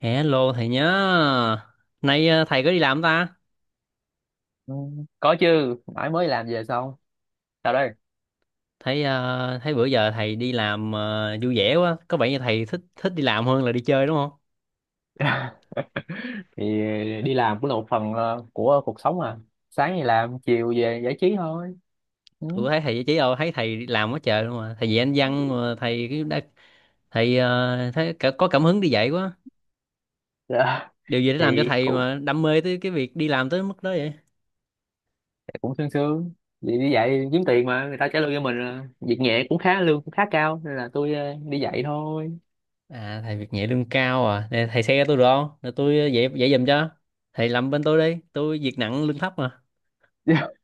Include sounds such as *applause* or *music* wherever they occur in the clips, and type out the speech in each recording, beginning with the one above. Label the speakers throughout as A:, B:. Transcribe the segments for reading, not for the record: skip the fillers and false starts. A: Hello thầy nhớ. Nay thầy có đi làm không ta?
B: Ừ, có chứ mãi mới làm về xong sao đây.
A: Thấy thấy bữa giờ thầy đi làm vui vẻ quá, có vẻ như thầy thích thích đi làm hơn là đi chơi đúng không?
B: *laughs* Thì đi làm cũng là một phần của cuộc sống mà, sáng thì làm chiều về giải trí thôi, ừ.
A: Tôi có thấy thầy chỉ đâu thấy thầy đi làm quá trời luôn mà. Thầy dạy anh văn mà thầy cái đã, thầy thấy có cảm hứng đi dạy quá.
B: Dạ. *laughs*
A: Điều gì đã làm cho
B: Thì
A: thầy
B: cũng
A: mà đam mê tới cái việc đi làm tới mức đó vậy?
B: cũng sương sương, đi dạy kiếm tiền mà người ta trả lương cho mình à. Việc nhẹ cũng khá, lương cũng khá cao nên là tôi đi dạy thôi.
A: À thầy việc nhẹ lương cao à. Nè, thầy xe tôi được không? Để tôi dạy dạy giùm cho. Thầy làm bên tôi đi, tôi việc nặng lương thấp mà.
B: *laughs*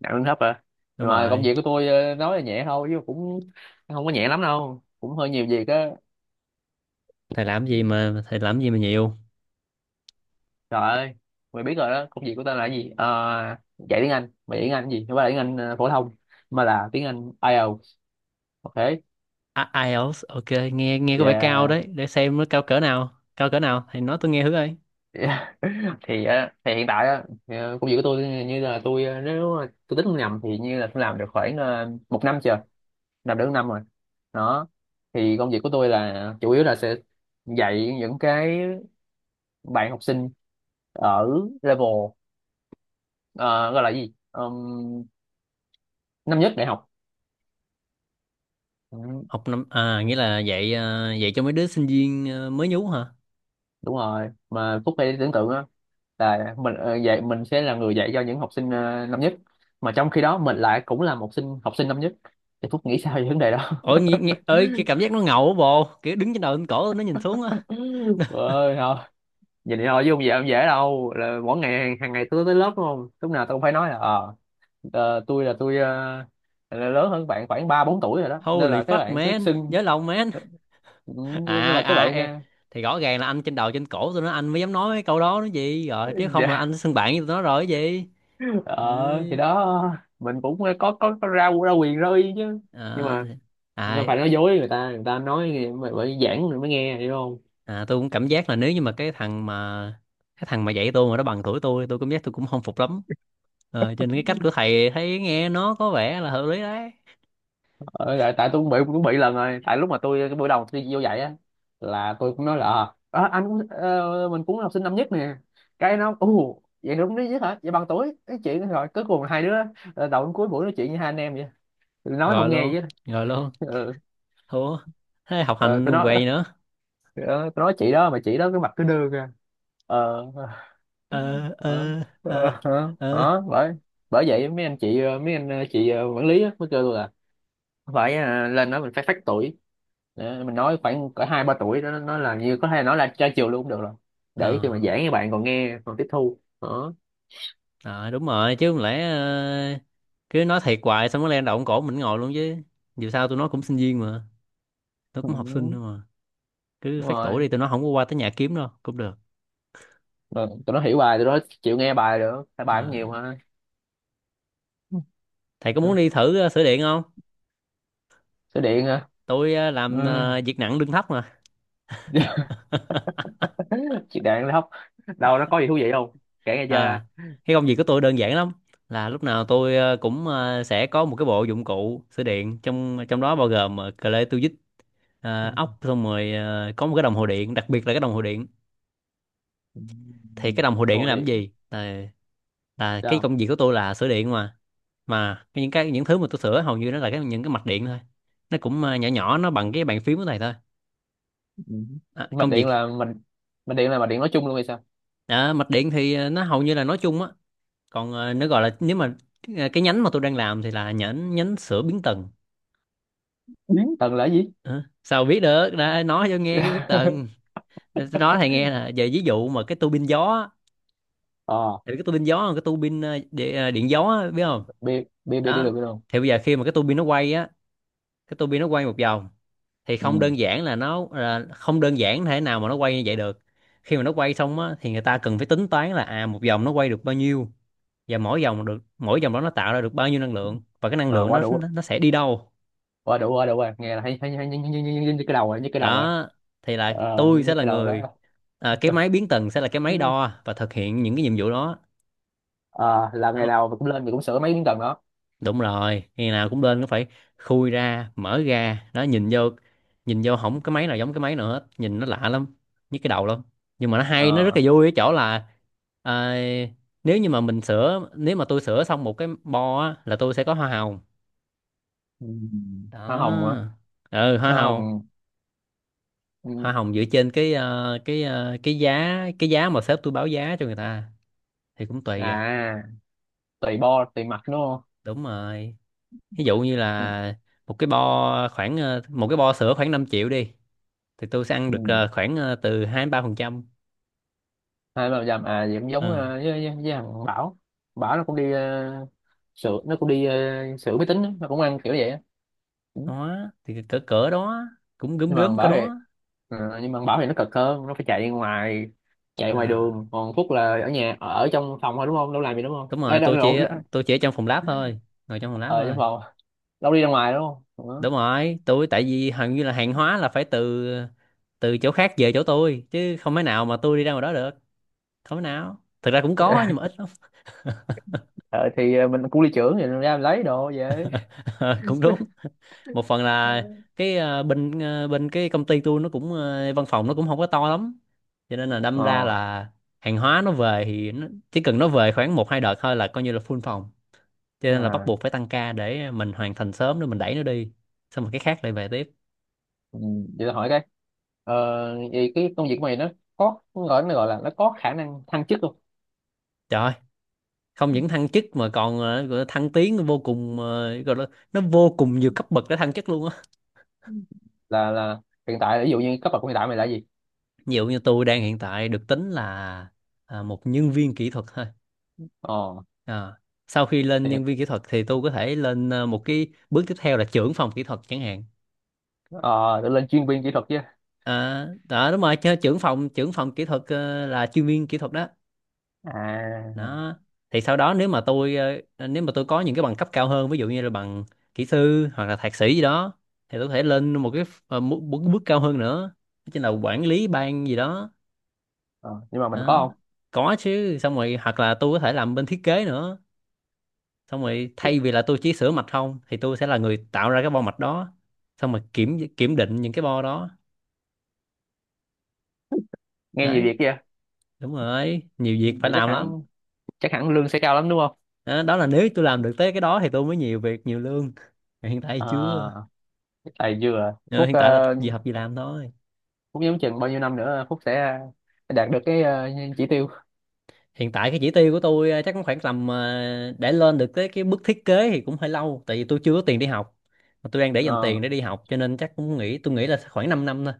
B: Nặng lương thấp à,
A: Đúng
B: mà công
A: rồi.
B: việc của tôi nói là nhẹ thôi chứ cũng không có nhẹ lắm đâu, cũng hơi nhiều việc á.
A: Thầy làm gì mà nhiều.
B: Trời ơi, mày biết rồi đó, công việc của tao là cái gì? Ờ, Dạy tiếng Anh, mày dạy tiếng Anh cái gì? Không phải là tiếng Anh phổ thông, mà là tiếng Anh IELTS, ok?
A: À, IELTS, ok, nghe nghe có vẻ cao
B: Yeah.
A: đấy, để xem nó cao cỡ nào thì nói tôi nghe thử coi.
B: Yeah. *laughs* Thì thì hiện tại á, công việc của tôi như là tôi nếu mà tôi tính không nhầm thì như là tôi làm được khoảng một năm chưa, làm được một năm rồi. Đó. Thì công việc của tôi là chủ yếu là sẽ dạy những cái bạn học sinh ở level, ờ, gọi là gì? Năm nhất đại học. Ừ.
A: Học năm à, nghĩa là dạy à, dạy cho mấy đứa sinh viên à, mới nhú hả?
B: Đúng rồi, mà Phúc phải tưởng tượng á, là mình dạy, mình sẽ là người dạy cho những học sinh năm nhất, mà trong khi đó mình lại cũng là một sinh học sinh năm nhất, thì Phúc nghĩ sao về vấn đề đó?
A: Ôi nghe, nghe ơi
B: *laughs*
A: cái cảm giác nó ngầu á bồ, kiểu đứng trên đầu trên cổ nó nhìn xuống á.
B: Ơi thôi, vậy thì thôi chứ không dễ, không dễ đâu. Là mỗi ngày hàng hàng ngày tôi tới lớp đúng không, lúc nào tôi cũng phải nói là tôi là tôi là lớn hơn bạn khoảng ba bốn tuổi rồi đó, nên
A: Holy
B: là các
A: fuck
B: bạn cứ
A: man,
B: xưng.
A: giới lòng man. *laughs*
B: Ừ, nên
A: À
B: là các
A: à
B: bạn
A: ê,
B: à.
A: thì rõ ràng là anh trên đầu trên cổ tụi nó anh mới dám nói mấy câu đó nó gì rồi, chứ
B: *laughs*
A: không là
B: Dạ,
A: anh sẽ xưng bạn với tụi nó rồi cái gì. Ừ.
B: ờ thì đó mình cũng có ra ra quyền ra uy chứ. Nhưng
A: À,
B: mà nó
A: à
B: phải nói dối, người ta nói nghe, mày phải giảng rồi mới nghe hiểu không.
A: à, tôi cũng cảm giác là nếu như mà cái thằng mà dạy tôi mà nó bằng tuổi tôi cảm giác tôi cũng không phục lắm. Cho nên cái cách của thầy thấy nghe nó có vẻ là hợp lý đấy.
B: Ờ, tại tôi cũng bị lần rồi, tại lúc mà tôi cái buổi đầu tôi vô dạy á, là tôi cũng nói là anh cũng mình cũng là học sinh năm nhất nè, cái nó ù vậy đúng đấy chứ hả, vậy bằng tuổi cái chuyện, rồi cuối cùng là hai đứa đầu đến cuối buổi nói chuyện như hai anh em vậy. Tôi nói không
A: Rồi
B: nghe
A: luôn.
B: vậy đó.
A: Rồi luôn.
B: Ừ.
A: Thua. Thế học
B: Ờ,
A: hành
B: tôi
A: luôn què
B: nói
A: gì nữa.
B: ờ, tôi nói chị đó, mà chị đó cái mặt cứ đưa ra, ờ Ờ,
A: ờ ờ ờ
B: ờ,
A: ờ
B: đó, bởi bởi vậy mấy anh chị mấy anh chị quản lý á, mới kêu tôi là phải lên nói mình phải phách tuổi. Để mình nói khoảng cỡ hai ba tuổi đó, nó là như có thể nói là tra chiều luôn cũng được rồi,
A: ờ
B: để khi mà giảng các bạn còn nghe còn tiếp thu đó.
A: Ờ, đúng rồi chứ không lẽ cứ nói thiệt hoài xong nó lên động cổ mình ngồi luôn chứ. Dù sao tôi nói cũng sinh viên mà, tôi cũng học sinh
B: Ừ,
A: thôi mà. Cứ
B: đúng
A: phát tuổi
B: rồi,
A: đi, tôi nói không có qua tới nhà kiếm đâu cũng được.
B: rồi tụi nó hiểu bài, tụi nó chịu nghe bài được, tại bài cũng
A: Ờ,
B: nhiều mà.
A: thầy có muốn
B: Ừ,
A: đi thử sửa điện không?
B: số điện hả?
A: Tôi
B: Ừ.
A: làm việc nặng lương thấp mà. *laughs*
B: *laughs* Chị đạn là hóc, đâu nó có gì thú vị không, kể nghe chơi.
A: À, cái công việc của tôi đơn giản lắm, là lúc nào tôi cũng sẽ có một cái bộ dụng cụ sửa điện, trong trong đó bao gồm cờ lê, tua vít, ốc, xong rồi có một cái đồng hồ điện, đặc biệt là cái đồng hồ điện.
B: Ừ.
A: Thì cái đồng hồ điện nó
B: Đồ
A: làm
B: điện.
A: cái gì, là cái
B: Sao?
A: công việc của tôi là sửa điện mà những thứ mà tôi sửa hầu như nó là những cái mạch điện thôi. Nó cũng nhỏ nhỏ, nó bằng cái bàn phím của thầy thôi.
B: Ừ.
A: À,
B: Mạch
A: công việc.
B: điện là mình, mạch điện là mạch điện nói chung luôn hay sao?
A: À, mạch điện thì nó hầu như là nói chung á. Còn nó gọi là, nếu mà cái nhánh mà tôi đang làm thì là nhánh nhánh sữa biến tần.
B: Biến tần là gì?
A: Hả? Sao biết được, đã nói cho nghe cái biến tần.
B: *laughs*
A: Để tôi nói thầy nghe, là về ví dụ mà cái tua bin gió á,
B: ờ
A: thì cái tua bin gió là cái tua bin điện, điện gió á, biết không.
B: Bi, bi
A: Đó,
B: được biết luôn,
A: thì bây giờ khi mà cái tua bin nó quay á, cái tua bin nó quay một vòng, thì không
B: ừ.
A: đơn giản là nó là, không đơn giản thế nào mà nó quay như vậy được. Khi mà nó quay xong á thì người ta cần phải tính toán là à một vòng nó quay được bao nhiêu, và mỗi vòng được, mỗi vòng đó nó tạo ra được bao nhiêu năng lượng, và cái năng
B: Rồi
A: lượng
B: quá
A: nó
B: đủ,
A: nó, nó sẽ đi đâu.
B: quá đủ rồi, nghe là thấy thấy thấy như cái đầu rồi, như cái đầu rồi.
A: Đó, thì là
B: Ờ, như,
A: tôi
B: như
A: sẽ là
B: cái đầu đó.
A: người, à, cái
B: *laughs*
A: máy biến tần sẽ là cái máy
B: Ừ.
A: đo và thực hiện những cái nhiệm vụ đó.
B: Ờ, làm ngày
A: Đó.
B: nào mình cũng lên, mình cũng sửa mấy miếng tầng đó.
A: Đúng rồi, ngày nào cũng lên nó phải khui ra mở ra đó, nhìn vô. Nhìn vô không cái máy nào giống cái máy nào hết, nhìn nó lạ lắm, nhức cái đầu lắm. Nhưng mà nó hay, nó rất
B: Ờ.
A: là vui ở chỗ là à, nếu như mà mình sửa, nếu mà tôi sửa xong một cái bo á, là tôi sẽ có hoa hồng.
B: Ừ.
A: Đó.
B: Hoa hồng hả?
A: Ừ, hoa
B: Hoa
A: hồng.
B: hồng.
A: Hoa
B: Ừ.
A: hồng dựa trên cái giá mà sếp tôi báo giá cho người ta, thì cũng tùy à.
B: À, tùy bo tùy mặt đúng không?
A: Đúng rồi. Ví dụ như
B: Ừ.
A: là một cái bo khoảng một cái bo sữa khoảng 5 triệu đi, thì tôi sẽ ăn được
B: Ừ.
A: khoảng từ hai đến ba phần trăm.
B: Hai ba dặm à, thì cũng giống
A: ờ
B: với thằng Bảo, Bảo nó cũng đi, uh, sửa, nó cũng đi sửa máy tính á, nó cũng ăn kiểu vậy á. Ừ.
A: Đó, thì cỡ cỡ đó, cũng gớm
B: Nhưng mà thằng
A: gớm cỡ
B: Bảo thì
A: đó.
B: nó cực hơn, nó phải chạy ngoài, chạy
A: Ờ,
B: ngoài đường, còn Phúc là ở nhà ở trong phòng thôi đúng không, đâu làm gì đúng không.
A: đúng
B: Ê,
A: rồi,
B: đâu, đâu, đâu,
A: tôi chỉ ở trong phòng lab thôi, ngồi trong phòng lab
B: ở trong
A: thôi.
B: phòng, đâu đi ra ngoài đúng không.
A: Đúng rồi, tôi tại vì hầu như là hàng hóa là phải từ từ chỗ khác về chỗ tôi, chứ không thể nào mà tôi đi ra ngoài đó được. Không thể nào, thực ra cũng có
B: Đó. *laughs*
A: nhưng mà ít lắm.
B: Ờ, thì mình cũng đi trưởng thì ra mình lấy đồ về.
A: *laughs* Ờ, cũng đúng. Một phần là cái ờ, bên cái công ty tôi nó cũng văn phòng nó cũng không có to lắm, cho nên là đâm ra
B: Ờ.
A: là hàng hóa nó về thì nó, chỉ cần nó về khoảng một hai đợt thôi là coi như là full phòng, cho nên là bắt
B: À.
A: buộc phải tăng ca để mình hoàn thành sớm để mình đẩy nó đi, xong rồi cái khác lại về tiếp.
B: Ừ, vậy tôi hỏi cái, ờ, vậy cái công việc của mày nó nó gọi là nó có khả năng thăng chức không?
A: Trời ơi, không những thăng chức mà còn gọi là thăng tiến vô cùng, ờ, gọi là nó vô cùng nhiều cấp bậc để thăng chức luôn á.
B: Là hiện tại ví dụ như cấp bậc của hiện tại mày là gì?
A: Ví dụ như tôi đang hiện tại được tính là à, một nhân viên kỹ thuật thôi.
B: ờ
A: Ờ. Sau khi lên
B: thì
A: nhân viên kỹ thuật thì tôi có thể lên một cái bước tiếp theo là trưởng phòng kỹ thuật chẳng hạn.
B: ờ để lên chuyên viên kỹ thuật chứ.
A: À, đó đúng rồi, chứ trưởng phòng kỹ thuật là chuyên viên kỹ thuật đó.
B: À.
A: Đó. Thì sau đó, nếu mà tôi nếu mà tôi có những cái bằng cấp cao hơn, ví dụ như là bằng kỹ sư hoặc là thạc sĩ gì đó, thì tôi có thể lên một cái bước cao hơn nữa, đó chính là quản lý ban gì đó.
B: Ờ, nhưng mà mình có
A: Đó.
B: không?
A: Có chứ, xong rồi hoặc là tôi có thể làm bên thiết kế nữa. Xong rồi thay vì là tôi chỉ sửa mạch không thì tôi sẽ là người tạo ra cái bo mạch đó, xong rồi kiểm kiểm định những cái bo đó.
B: Nghe nhiều
A: Đấy,
B: việc kia.
A: đúng rồi, nhiều việc phải
B: Vậy chắc
A: làm lắm.
B: hẳn chắc hẳn lương sẽ cao lắm đúng không?
A: Đó, đó là nếu tôi làm được tới cái đó thì tôi mới nhiều việc nhiều lương. Mà hiện tại thì
B: À,
A: chưa.
B: tài vừa
A: Ờ,
B: Phúc
A: hiện tại là gì học gì làm thôi.
B: Phúc nhắm chừng bao nhiêu năm nữa Phúc sẽ đạt được cái chỉ tiêu.
A: Hiện tại cái chỉ tiêu của tôi chắc cũng khoảng tầm để lên được tới cái bước thiết kế thì cũng hơi lâu, tại vì tôi chưa có tiền đi học, mà tôi đang để dành tiền
B: ờ,
A: để đi học, cho nên chắc cũng nghĩ tôi nghĩ là khoảng 5 năm thôi.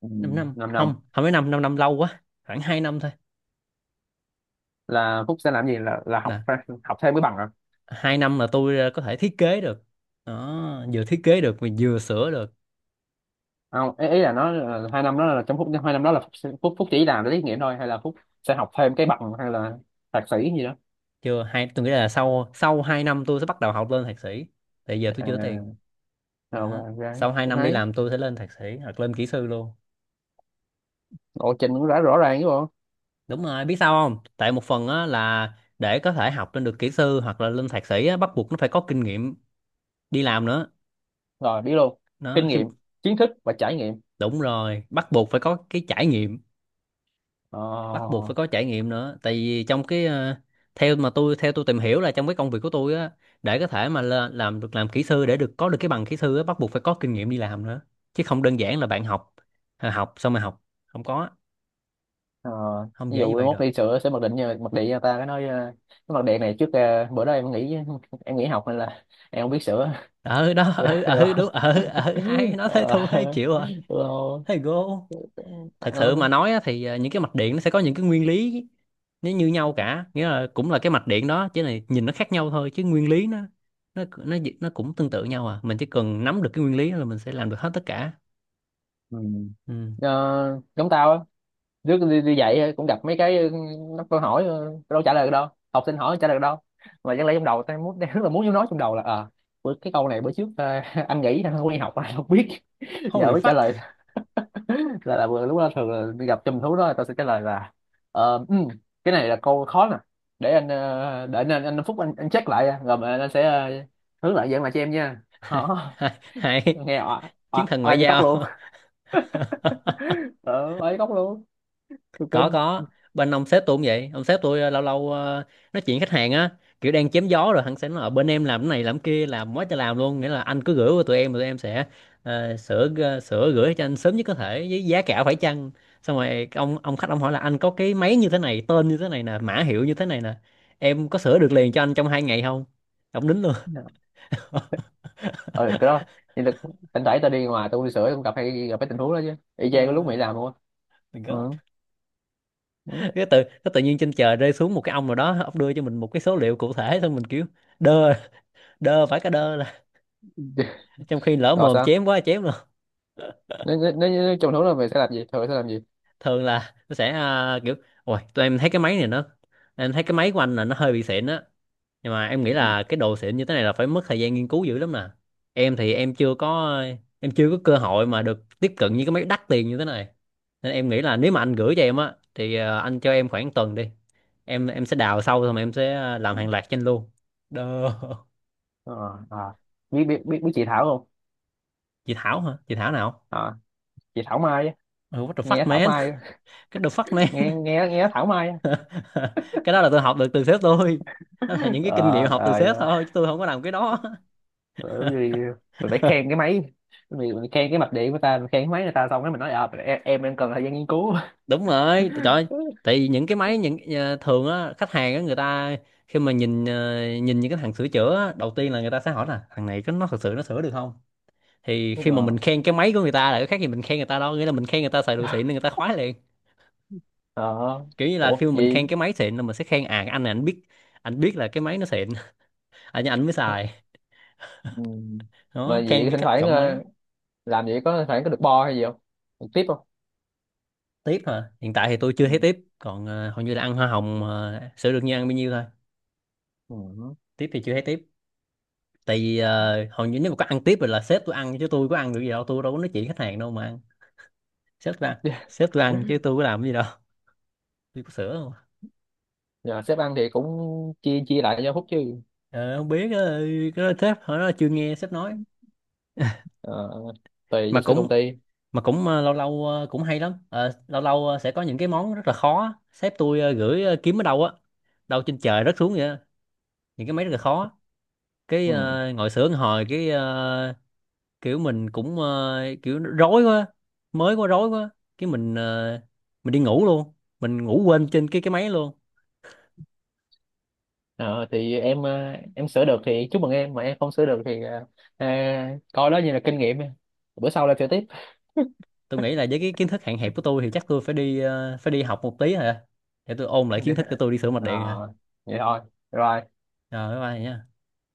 B: ừ,
A: 5 năm
B: Năm năm
A: không, không phải 5 năm, năm lâu quá, khoảng 2 năm thôi.
B: là Phúc sẽ làm gì, là học,
A: Nè,
B: học thêm cái bằng à?
A: hai năm là tôi có thể thiết kế được. Đó, vừa thiết kế được mà vừa sửa được.
B: Không, ý là nó là hai năm đó, là trong phút hai năm đó là phúc, phúc chỉ làm để tiết nghiệm thôi, hay là phúc sẽ học thêm cái bằng hay là thạc sĩ gì đó?
A: Chưa hai Tôi nghĩ là sau sau hai năm tôi sẽ bắt đầu học lên thạc sĩ, tại giờ tôi chưa có tiền.
B: À, rồi
A: Đó.
B: và gái
A: Sau hai
B: cũng
A: năm đi
B: thấy
A: làm tôi sẽ lên thạc sĩ hoặc lên kỹ sư luôn.
B: lộ trình cũng đã rõ ràng chứ bộ.
A: Đúng rồi, biết sao không, tại một phần á là để có thể học lên được kỹ sư hoặc là lên thạc sĩ á, bắt buộc nó phải có kinh nghiệm đi làm nữa.
B: Rồi biết luôn.
A: Nó
B: Kinh
A: khi
B: nghiệm, kiến thức và trải nghiệm.
A: Đúng rồi, bắt buộc phải có cái trải nghiệm,
B: ờ,
A: bắt buộc phải có trải nghiệm nữa, tại vì trong cái theo tôi tìm hiểu là trong cái công việc của tôi á, để có thể mà làm được, làm kỹ sư để có được cái bằng kỹ sư á, bắt buộc phải có kinh nghiệm đi làm nữa, chứ không đơn giản là bạn học, à, học xong mà học không có,
B: ờ,
A: không
B: Ví
A: dễ như
B: dụ
A: vậy
B: mốt
A: được.
B: đi sửa sẽ mặc định nha, mặc định cho ta cái nói cái mặt điện này trước, bữa đó em nghỉ, em nghỉ học nên là em không biết sửa.
A: Ở đó
B: *laughs* Rồi
A: ở
B: rồi.
A: ở đúng ở ở hai nó *laughs* Thấy thua hay
B: Ờ,
A: chịu rồi. Thầy go.
B: được.
A: Thật
B: Ờ.
A: sự mà nói á, thì những cái mạch điện nó sẽ có những cái nguyên lý, nó như nhau cả, nghĩa là cũng là cái mạch điện đó chỉ là nhìn nó khác nhau thôi, chứ nguyên lý nó cũng tương tự nhau à. Mình chỉ cần nắm được cái nguyên lý là mình sẽ làm được hết tất cả.
B: Ừ.
A: Ừ.
B: Ờ, giống tao á, trước đi dạy á, cũng gặp mấy cái ừ, nó câu hỏi ừ, đâu trả lời được đâu, học sinh hỏi trả lời được đâu, mà chẳng lẽ trong đầu tao muốn, đang rất là muốn nói trong đầu là cái câu này bữa trước *laughs* anh nghĩ anh không đi học anh không biết, giờ
A: Holy
B: mới trả
A: fuck.
B: lời. *laughs* Là vừa lúc đó thường là gặp chùm thú đó, tao sẽ trả lời là ờ, ừ, cái này là câu khó nè, để anh để anh Phúc, anh check lại rồi mà anh sẽ hướng lại dạng lại cho em nha. Hả?
A: *laughs* Hay. Hay.
B: *laughs* Nghe oai,
A: Chiến
B: oai
A: thần ngoại
B: oai như cóc
A: giao.
B: luôn.
A: *laughs*
B: *laughs* Ờ, oai như cóc luôn. Tôi
A: có
B: kinh.
A: có bên ông sếp tôi cũng vậy. Ông sếp tôi, lâu lâu, nói chuyện khách hàng á, kiểu đang chém gió rồi hắn sẽ nói ở bên em làm cái này làm kia làm quá trời làm luôn, nghĩa là anh cứ gửi qua tụi em, tụi em sẽ sửa, sửa gửi cho anh sớm nhất có thể với giá cả phải chăng. Xong rồi ông, khách ông hỏi là anh có cái máy như thế này, tên như thế này nè, mã hiệu như thế này nè, em có sửa được liền cho anh trong hai ngày không. Ông đính luôn.
B: Ừ,
A: *laughs*
B: cái đó nhưng là thỉnh thoảng tao đi ngoài tao uống ly sữa, tao cũng gặp, hay gặp cái tình huống đó chứ, y chang cái lúc mày
A: Ờ,
B: làm luôn á.
A: the God.
B: Ừ.
A: *laughs*
B: Ừ.
A: Cái tự nhiên trên trời rơi xuống một cái ông nào đó, ông đưa cho mình một cái số liệu cụ thể, xong mình kiểu đơ, đơ phải, cái đơ là *laughs* trong khi lỡ
B: Rồi
A: mồm
B: sao,
A: chém quá, chém luôn.
B: nếu trong thú là mày sẽ làm gì, thường sẽ làm gì?
A: Thường là nó sẽ à, kiểu ôi tụi em thấy cái máy này nó, em thấy cái máy của anh là nó hơi bị xịn á, nhưng mà em nghĩ
B: Ừ.
A: là cái đồ xịn như thế này là phải mất thời gian nghiên cứu dữ lắm nè. Em thì em chưa có, em chưa có cơ hội mà được tiếp cận những cái máy đắt tiền như thế này, nên em nghĩ là nếu mà anh gửi cho em á thì à, anh cho em khoảng tuần đi, em sẽ đào sâu rồi mà em sẽ à, làm hàng loạt cho anh luôn. Đơ. *laughs*
B: Ờ. À. Biết biết chị Thảo không?
A: Chị Thảo hả? Chị Thảo nào?
B: À, chị Thảo Mai á.
A: Oh, what the
B: Nghe
A: fuck
B: Thảo
A: man.
B: Mai á.
A: *laughs* Cái the fuck
B: *laughs* Nghe
A: man.
B: nghe nghe Thảo Mai á.
A: *laughs* Cái đó là tôi học được từ sếp tôi, đó là những cái kinh nghiệm
B: Ờ
A: học từ
B: ờ
A: sếp
B: dạ.
A: thôi, chứ tôi không có làm cái đó.
B: Ờ, như mình phải khen
A: *laughs*
B: cái máy, mình khen cái mạch điện của ta, mình khen cái máy người ta, xong cái mình nói à, em đang cần thời gian nghiên cứu.
A: Đúng rồi, trời ơi,
B: *laughs*
A: tại vì những cái máy, những thường á, khách hàng á, người ta khi mà nhìn, nhìn những cái thằng sửa chữa á, đầu tiên là người ta sẽ hỏi là thằng này có, nó thật sự nó sửa được không. Thì khi mà
B: Ờ.
A: mình khen cái máy của người ta là cái khác gì mình khen người ta đâu, nghĩa là mình khen người ta xài đồ xịn nên người ta khoái liền.
B: Ờ.
A: Kiểu như là
B: Ủa
A: khi mà mình
B: gì?
A: khen cái máy xịn là mình sẽ khen à, cái anh này anh biết, anh biết là cái máy nó xịn. *laughs* Anh mới xài.
B: Ừ. Mà
A: Đó, khen
B: vậy
A: cái
B: thỉnh
A: cách
B: thoảng
A: chọn máy.
B: làm vậy có phải có được bo hay gì không, được tiếp không?
A: Tiếp hả? Hiện tại thì tôi chưa
B: Ừ.
A: thấy tiếp, còn hầu như là ăn hoa hồng, sữa đương nhiên ăn bao nhiêu thôi.
B: Ừ.
A: Tiếp thì chưa thấy tiếp, tại vì hầu như nếu mà có ăn tiếp rồi là sếp tôi ăn, chứ tôi có ăn được gì đâu, tôi đâu có nói chuyện khách hàng đâu mà ăn. Sếp tôi ăn, sếp tôi ăn chứ tôi có làm cái gì đâu. *laughs* Tôi có sữa không?
B: Nhờ sếp ăn thì cũng chia chia lại cho Phúc chứ.
A: Ờ, không biết, cái đó sếp hỏi nó, chưa nghe sếp nói.
B: Ờ, tùy
A: mà
B: danh sách công
A: cũng
B: ty.
A: mà cũng lâu lâu, cũng hay lắm. Ờ, lâu lâu sẽ có những cái món rất là khó á. Sếp tôi gửi, kiếm ở đâu á, đâu trên trời rớt xuống vậy á. Những cái máy rất là khó, cái
B: Ừ.
A: ngồi sướng hồi cái kiểu mình cũng kiểu rối quá, mới quá, rối quá, cái mình mình đi ngủ luôn, mình ngủ quên trên cái máy luôn.
B: Ờ, thì em em sửa được thì chúc mừng em, mà em không sửa được thì ờ, coi đó như là kinh nghiệm, bữa sau lại sửa tiếp. *laughs*
A: Tôi nghĩ là với cái kiến thức hạn hẹp của tôi thì chắc tôi phải đi, phải đi học một tí hả, để tôi ôn lại
B: Dạ.
A: kiến thức cho tôi đi sửa mạch
B: Ờ,
A: điện hả.
B: vậy thôi, rồi.
A: Rồi bye bye nhá.